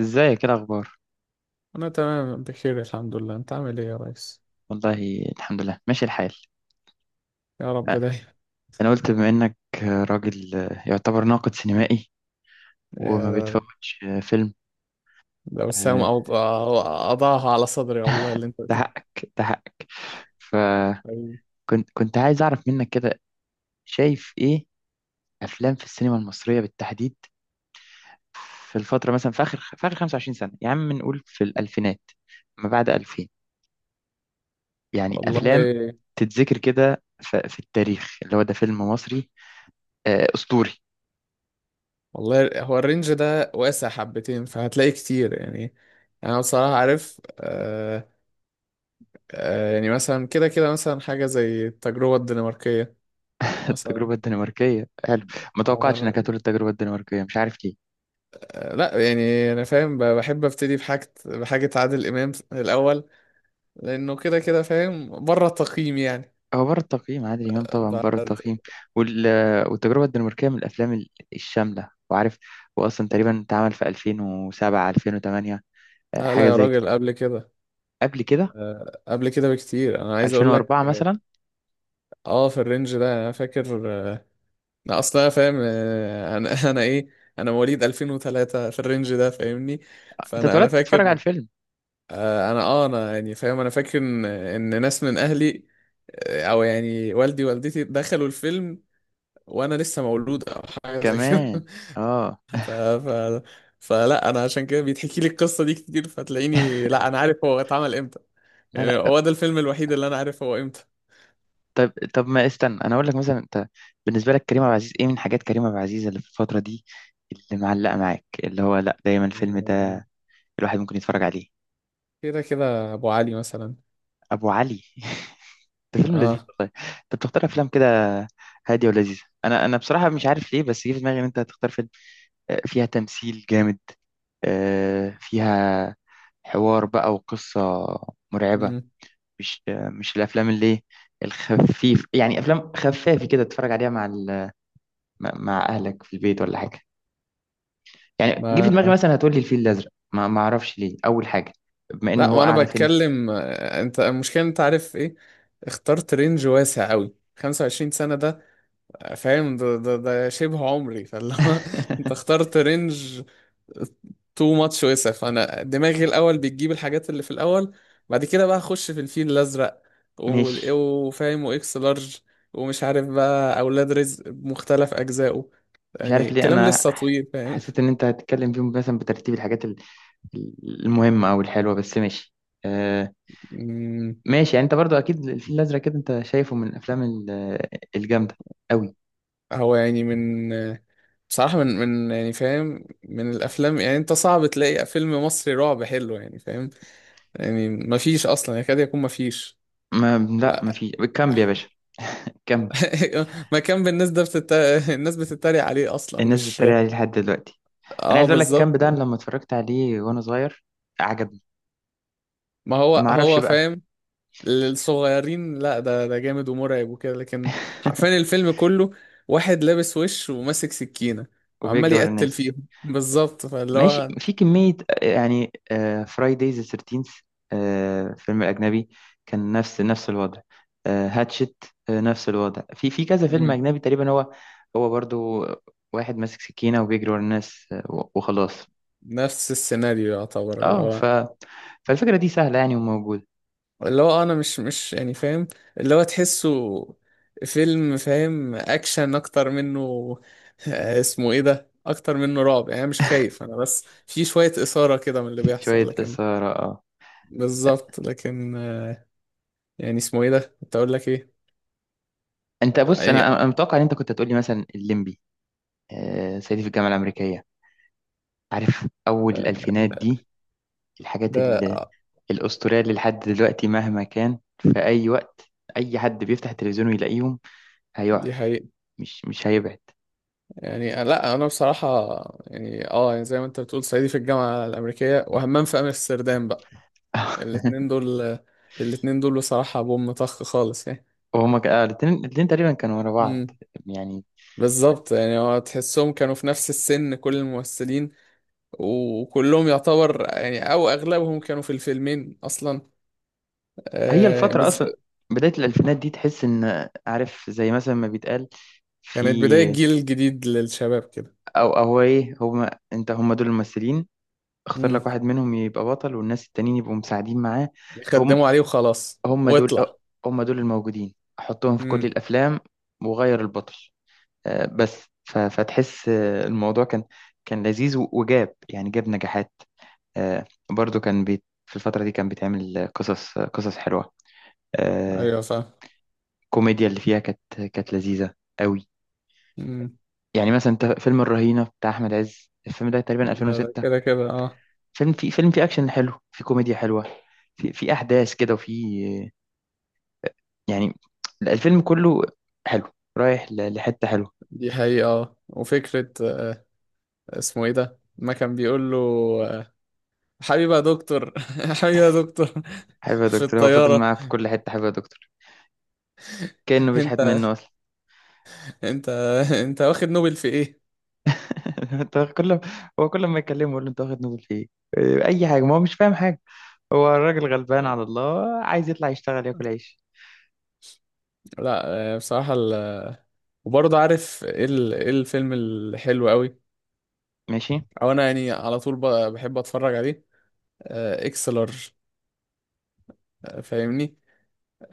ازيك، ايه الاخبار؟ أنا تمام بخير، الحمد لله. أنت عامل إيه يا ريس؟ والله الحمد لله ماشي الحال. يا رب دايما. انا قلت بما انك راجل يعتبر ناقد سينمائي وما يا، بتفوتش فيلم. ده وسام آه، أضعها على صدري، والله اللي أنت ده بتقوله حقك، ده حقك. فكنت حبيبي. كنت عايز اعرف منك كده، شايف ايه افلام في السينما المصريه بالتحديد في الفتره، مثلا في اخر 25 سنه. يا عم نقول في الالفينات، ما بعد 2000، يعني افلام والله تتذكر كده في التاريخ اللي هو ده فيلم مصري اسطوري. والله، هو الرينج ده واسع حبتين، فهتلاقي كتير يعني. أنا بصراحة عارف. يعني مثلا كده كده، مثلا حاجة زي التجربة الدنماركية مثلا. التجربة الدنماركية حلو. ما توقعتش آه انك هتقول التجربة الدنماركية، مش عارف ليه. لا يعني انا فاهم. بحب ابتدي بحاجه بحاجه عادل امام الاول، لانه كده كده فاهم بره التقييم هو بره التقييم عادل امام، طبعا بره يعني. التقييم. وال... والتجربة الدنماركية من الافلام الشاملة. وعارف، هو اصلا تقريبا اتعمل في 2007 2008، لا لا حاجة يا زي كده. راجل، قبل كده. قبل كده؟ قبل كده بكتير، انا عايز اقول لك. 2004 مثلا. اه في الرينج ده انا فاكر. انا اصلا فاهم. انا انا مواليد 2003 في الرينج ده، فاهمني. انت فانا اتولدت تتفرج على فاكر. الفيلم انا يعني فاهم. انا فاكر ان ناس من اهلي. او يعني والدي والدتي دخلوا الفيلم، وانا لسه مولود او حاجه زي كمان. كده. اه ف ف فلا انا عشان كده بيتحكي لي القصه دي كتير، فتلاقيني لا، انا عارف هو اتعمل. لا يعني لا. هو ده الفيلم الوحيد اللي انا عارف هو امتى. طب، ما استنى انا اقول لك. مثلا انت، بالنسبة لك كريم عبد العزيز، ايه من حاجات كريم عبد العزيز اللي في الفترة دي اللي معلقة معاك، اللي هو لا دايما الفيلم آه، ده الواحد ممكن يتفرج عليه؟ كده كده ابو علي مثلا. ابو علي. ده فيلم لذيذ اه. والله. انت بتختار افلام كده هاديه ولذيذه. انا بصراحه مش عارف ليه، بس جه في دماغي ان انت هتختار فيلم فيها تمثيل جامد، فيها حوار بقى وقصه مرعبه. مم. مش، مش الافلام اللي إيه الخفيف، يعني افلام خفافه كده تتفرج عليها مع مع اهلك في البيت ولا حاجه. يعني جه في دماغي ما مثلا هتقول لي الفيل الازرق، ما اعرفش ليه، اول حاجه بما انه لا، هو ما انا اعلى فيلم. بتكلم. انت المشكله، انت عارف ايه، اخترت رينج واسع قوي، 25 سنه ده. فاهم، ده شبه عمري، فاللي هو انت اخترت رينج تو ماتش وسع. فانا دماغي الاول بتجيب الحاجات اللي في الاول، بعد كده بقى اخش في الفيل الازرق ماشي. وفاهم واكس لارج، ومش عارف بقى اولاد رزق بمختلف اجزائه. مش يعني عارف ليه الكلام انا لسه طويل فاهم. حسيت ان انت هتتكلم فيهم مثلا بترتيب الحاجات المهمه او الحلوه، بس ماشي. آه، مم. ماشي يعني. انت برضو اكيد الفيل الازرق كده انت شايفه من الافلام الجامده قوي. هو يعني من بصراحة، من يعني فاهم، من الافلام يعني، انت صعب تلاقي فيلم مصري رعب حلو يعني فاهم. يعني مفيش اصلا، يكاد يكون مفيش. ما لا، ما في كامب يا باشا. كامب. مكان بالنسبة الناس بتتريق عليه اصلا. الناس مش، بتتريق عليه لحد دلوقتي. انا اه عايز اقول لك بالظبط. كامب ده أنا لما اتفرجت عليه وانا صغير عجبني. ما هو ما اعرفش هو بقى. فاهم للصغيرين. لا، ده جامد ومرعب وكده، لكن حرفيا الفيلم كله واحد لابس وش وماسك سكينة، وعمال وبيجري ورا يقتل الناس. فيهم بالظبط. فاللي ماشي، هو في كمية يعني. فرايدايز 13، فيلم أجنبي، كان نفس الوضع. هاتشت، نفس الوضع. في كذا فيلم مم. أجنبي تقريبا هو، هو برضو واحد ماسك سكينة وبيجري ورا الناس، وخلاص. نفس السيناريو يعتبر. اللي اه ف، هو فالفكرة دي سهلة يعني وموجودة. اللي هو انا مش يعني فاهم، اللي هو تحسه فيلم، فاهم، اكشن اكتر منه. اسمه ايه ده، اكتر منه رعب يعني. أنا مش خايف، انا بس في شوية إثارة كده من اللي في شوية بيحصل، لكن إثارة، اه. بالظبط. لكن يعني اسمه ايه ده، كنت اقول لك ايه. انت بص، يعني، انا انا أنا متوقع ان انت كنت هتقولي مثلا الليمبي، صعيدي في الجامعة الأمريكية، عارف، أول الألفينات دي، الحاجات ده. الأسترالي. لحد دلوقتي مهما كان في أي وقت أي حد بيفتح التلفزيون ويلاقيهم دي هيقعد، حقيقة. مش هيبعد. يعني، لا انا بصراحة يعني، اه يعني زي ما انت بتقول صعيدي في الجامعة الامريكية، وهمام في امستردام بقى. الاتنين دول، الاتنين دول بصراحة بوم طخ خالص يعني. وهما الاتنين، تقريبا كانوا ورا بعض امم. يعني. بالظبط. يعني هو تحسهم كانوا في نفس السن، كل الممثلين وكلهم يعتبر، يعني او اغلبهم كانوا في الفيلمين اصلا. هي آه الفترة بز... أصلا، بداية الألفينات دي، تحس إن عارف زي مثلا ما بيتقال في، كانت بداية جيل جديد للشباب كده. أو إيه، هما، أنت، هما دول الممثلين. اختار مم. لك واحد منهم يبقى بطل والناس التانيين يبقوا مساعدين معاه. هم، يخدموا عليه وخلاص هما دول واطلع. هما دول الموجودين، حطهم في كل امم. الأفلام وغير البطل. بس فتحس الموضوع كان، كان لذيذ وجاب يعني، جاب نجاحات. برضو كان بيت في الفترة دي كان بيتعمل قصص، قصص حلوة. آه، ايوه فاهم. الكوميديا اللي فيها كانت، كانت لذيذة قوي. امم. يعني مثلا انت فيلم الرهينة بتاع أحمد عز، الفيلم ده تقريبا ده 2006، كده كده اه. فيلم فيه أكشن حلو، فيه كوميديا حلوة، في أحداث كده، وفي يعني الفيلم كله حلو، رايح لحتة حلوة. دي حقيقة اه، وفكرة. اسمه ايه ده، ما كان بيقول له آه، حبيبي يا دكتور. حبيبي يا دكتور. حبيبي يا في دكتور، هو فضل الطيارة. معاه في كل حتة حبيبي يا دكتور، كأنه انت بيشحت منه أصلا. انت انت واخد نوبل في ايه؟ انت كل هو كل ما يكلمه يقول له انت واخد نوبل في ايه؟ إيه، اي حاجه، ما هو مش فاهم حاجه. هو الراجل غلبان على الله، عايز يطلع يشتغل ياكل عيش. لا. بصراحة وبرضه عارف ايه ايه الفيلم الحلو قوي، ماشي. او انا يعني على طول بحب اتفرج عليه. اكس لارج. فاهمني.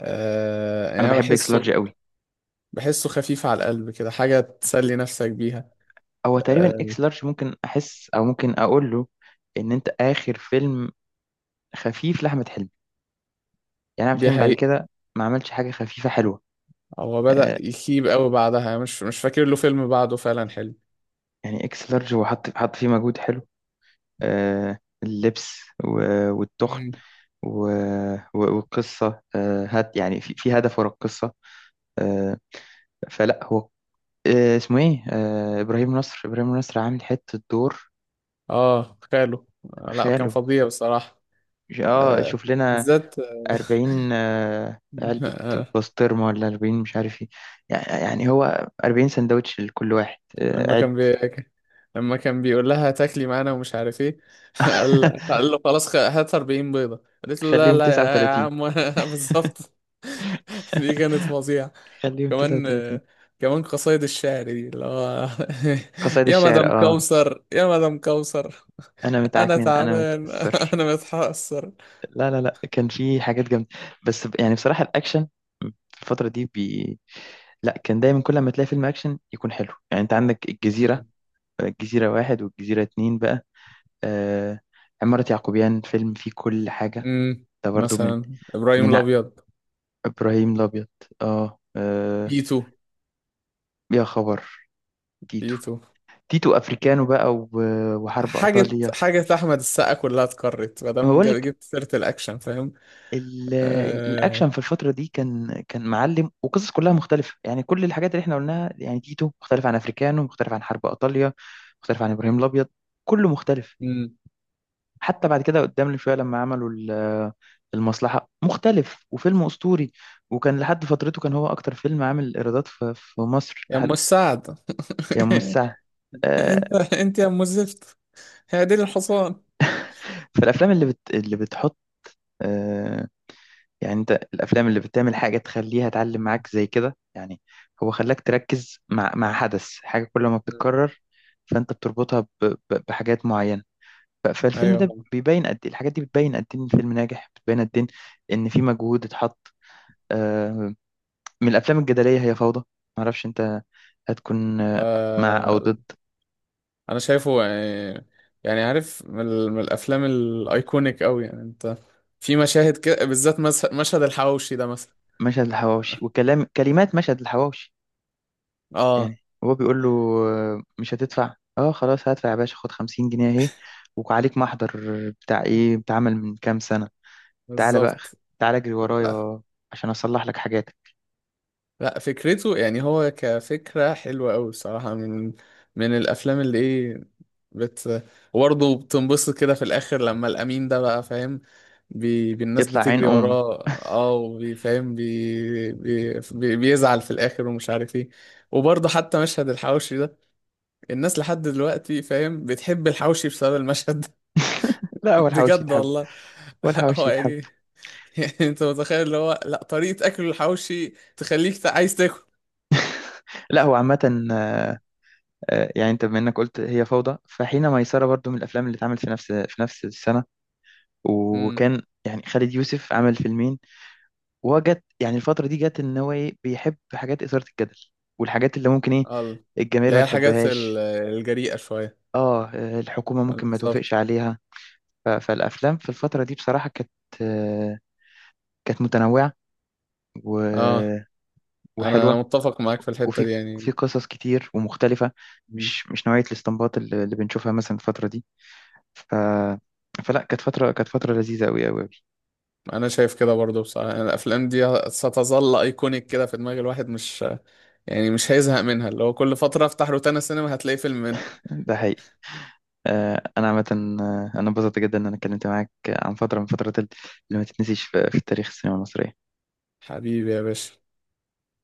يعني انا أنا بحب اكس لارج بحسه، قوي. بحسه خفيف على القلب كده، حاجة تسلي نفسك بيها. هو تقريبا آه، اكس لارج ممكن احس او ممكن اقول له ان انت اخر فيلم خفيف لاحمد حلمي. يعني احمد دي حلمي بعد حقيقة. كده ما عملش حاجه خفيفه حلوه. هو بدأ آه، يخيب قوي بعدها، يعني مش فاكر له فيلم بعده فعلا حلو. يعني اكس لارج هو حط فيه مجهود حلو، آه، اللبس والتخن مم. و- والقصة، هات يعني، في هدف ورا القصة. آه، فلا هو آه، اسمه ايه آه، إبراهيم نصر، إبراهيم نصر عامل حتة دور. اه خاله. لا كان خاله. فظيع بصراحة. آه، شوف لنا بالذات. 40 علبة بسطرمة، ولا 40 مش عارف ايه. يعني هو 40 سندوتش لكل واحد، لما عد. كان لما كان بيقول لها تاكلي معانا ومش عارف ايه. قال له خلاص، هات 40 بيضة. قالت له لا خليهم لا يا يا 39. عم. وأنا بالظبط. دي كانت فظيعة. خليهم كمان، 39. كمان قصايد الشعر دي اللي هو قصايد يا الشعر، مدام اه. كوثر، يا مدام كوثر، انا انا متعكنن، انا تعبان، متأثر. انا متحسر. لا لا لا، كان في حاجات جامده. بس يعني بصراحه الاكشن في الفتره دي لا، كان دايما كل ما تلاقي فيلم اكشن يكون حلو. يعني انت عندك الجزيره، مم. واحد والجزيره اتنين بقى. آه، عماره يعقوبيان فيلم فيه كل حاجه. مم. ده برضو من مثلا ابراهيم من ع- الابيض. ابراهيم الابيض، اه. آه، تيتو. يا خبر. تيتو. تيتو. تيتو افريكانو بقى وحرب حاجة ايطاليا. حاجة أحمد السقا كلها اتكررت، ما ما دام بقول، جبت سيرة الأكشن فاهم. الاكشن آه. في الفتره دي كان، كان معلم، وقصص كلها مختلفه يعني. كل الحاجات اللي احنا قلناها يعني، تيتو مختلف عن افريكانو، مختلف عن حرب ايطاليا، مختلف عن ابراهيم الابيض، كله مختلف. مم. حتى بعد كده قدام شويه لما عملوا المصلحه، مختلف وفيلم اسطوري، وكان لحد فترته كان هو اكتر فيلم عامل ايرادات في مصر يا لحد أم السعد. يوم الساعه. آه، أنت يا أم الزفت، هي دي الحصان. فالافلام اللي بتحط، آه، يعني انت الافلام اللي بتعمل حاجه تخليها تعلم مم. معاك زي كده يعني، هو خلاك تركز مع حدث، حاجه كل ما بتتكرر فانت بتربطها بحاجات معينه. فالفيلم ده أيوه. بيبين قد ايه الحاجات دي، بتبين قد ايه ان الفيلم ناجح، بتبين قد ايه ان في مجهود اتحط. آه، من الافلام الجدليه هي فوضى. معرفش انت هتكون مع او آه. ضد. أنا شايفه يعني، يعني عارف من من الأفلام الأيكونيك أوي، يعني أنت في مشاهد كده، بالذات مشهد الحواوشي ده مثلا. مشهد الحواوشي وكلام، كلمات مشهد الحواوشي. أه يعني هو بيقول له مش هتدفع؟ اه خلاص هدفع يا باشا، خد 50 جنيه اهي وعليك محضر بتاع ايه بتعمل من كام سنة. تعالى بقى، بالظبط. تعالى اجري ورايا عشان اصلح لك حاجاتك. لا فكرته يعني هو كفكرة حلوة أوي الصراحة، من من الأفلام اللي إيه بت وبرضه بتنبسط كده في الآخر، لما الأمين ده بقى فاهم، الناس يطلع عين بتجري امه. وراه. اه فاهم بيزعل في الآخر ومش عارف إيه. وبرضه حتى مشهد الحواوشي ده، الناس لحد دلوقتي فاهم بتحب الحواوشي بسبب المشهد ده. لا، هو الحواوشي بجد يتحب. والله. هو هو الحواوشي يتحب. يعني، يعني أنت متخيل، اللي هو لا، طريقة أكل الحواوشي تخليك عايز لا هو عامة، يعني انت بما انك قلت هي فوضى، فحين ميسرة برضو من الافلام اللي اتعملت في نفس السنة. تاكل. وكان يعني خالد يوسف عمل فيلمين، وهو جت يعني الفترة دي جت ان هو ايه، بيحب حاجات إثارة الجدل، والحاجات اللي ممكن ايه اه الجماهير اللي ما هي الحاجات تحبهاش، الجريئة شوية. اه، الحكومة ممكن ما بالظبط. توافقش عليها. فالأفلام في الفترة دي بصراحة كانت، آه، كانت متنوعة اه، و- انا وحلوة، أنا متفق معاك في الحتة وفي دي في يعني. قصص كتير ومختلفة، م. مش نوعية الاستنباط اللي بنشوفها مثلا الفترة دي. ف، فلا كانت فترة، كانت فترة لذيذة أوي أوي أوي. انا شايف كده برضو بصراحة، يعني الافلام دي ستظل ايكونيك كده في دماغ الواحد، مش يعني مش هيزهق منها، اللي هو كل فترة افتح روتانا سينما هتلاقي فيلم منها. ده حقيقي. أنا عامة أنا انبسطت جدا إن أنا اتكلمت معاك عن فترة من فترات اللي ما تتنسيش في تاريخ السينما المصرية. حبيبي يا باشا.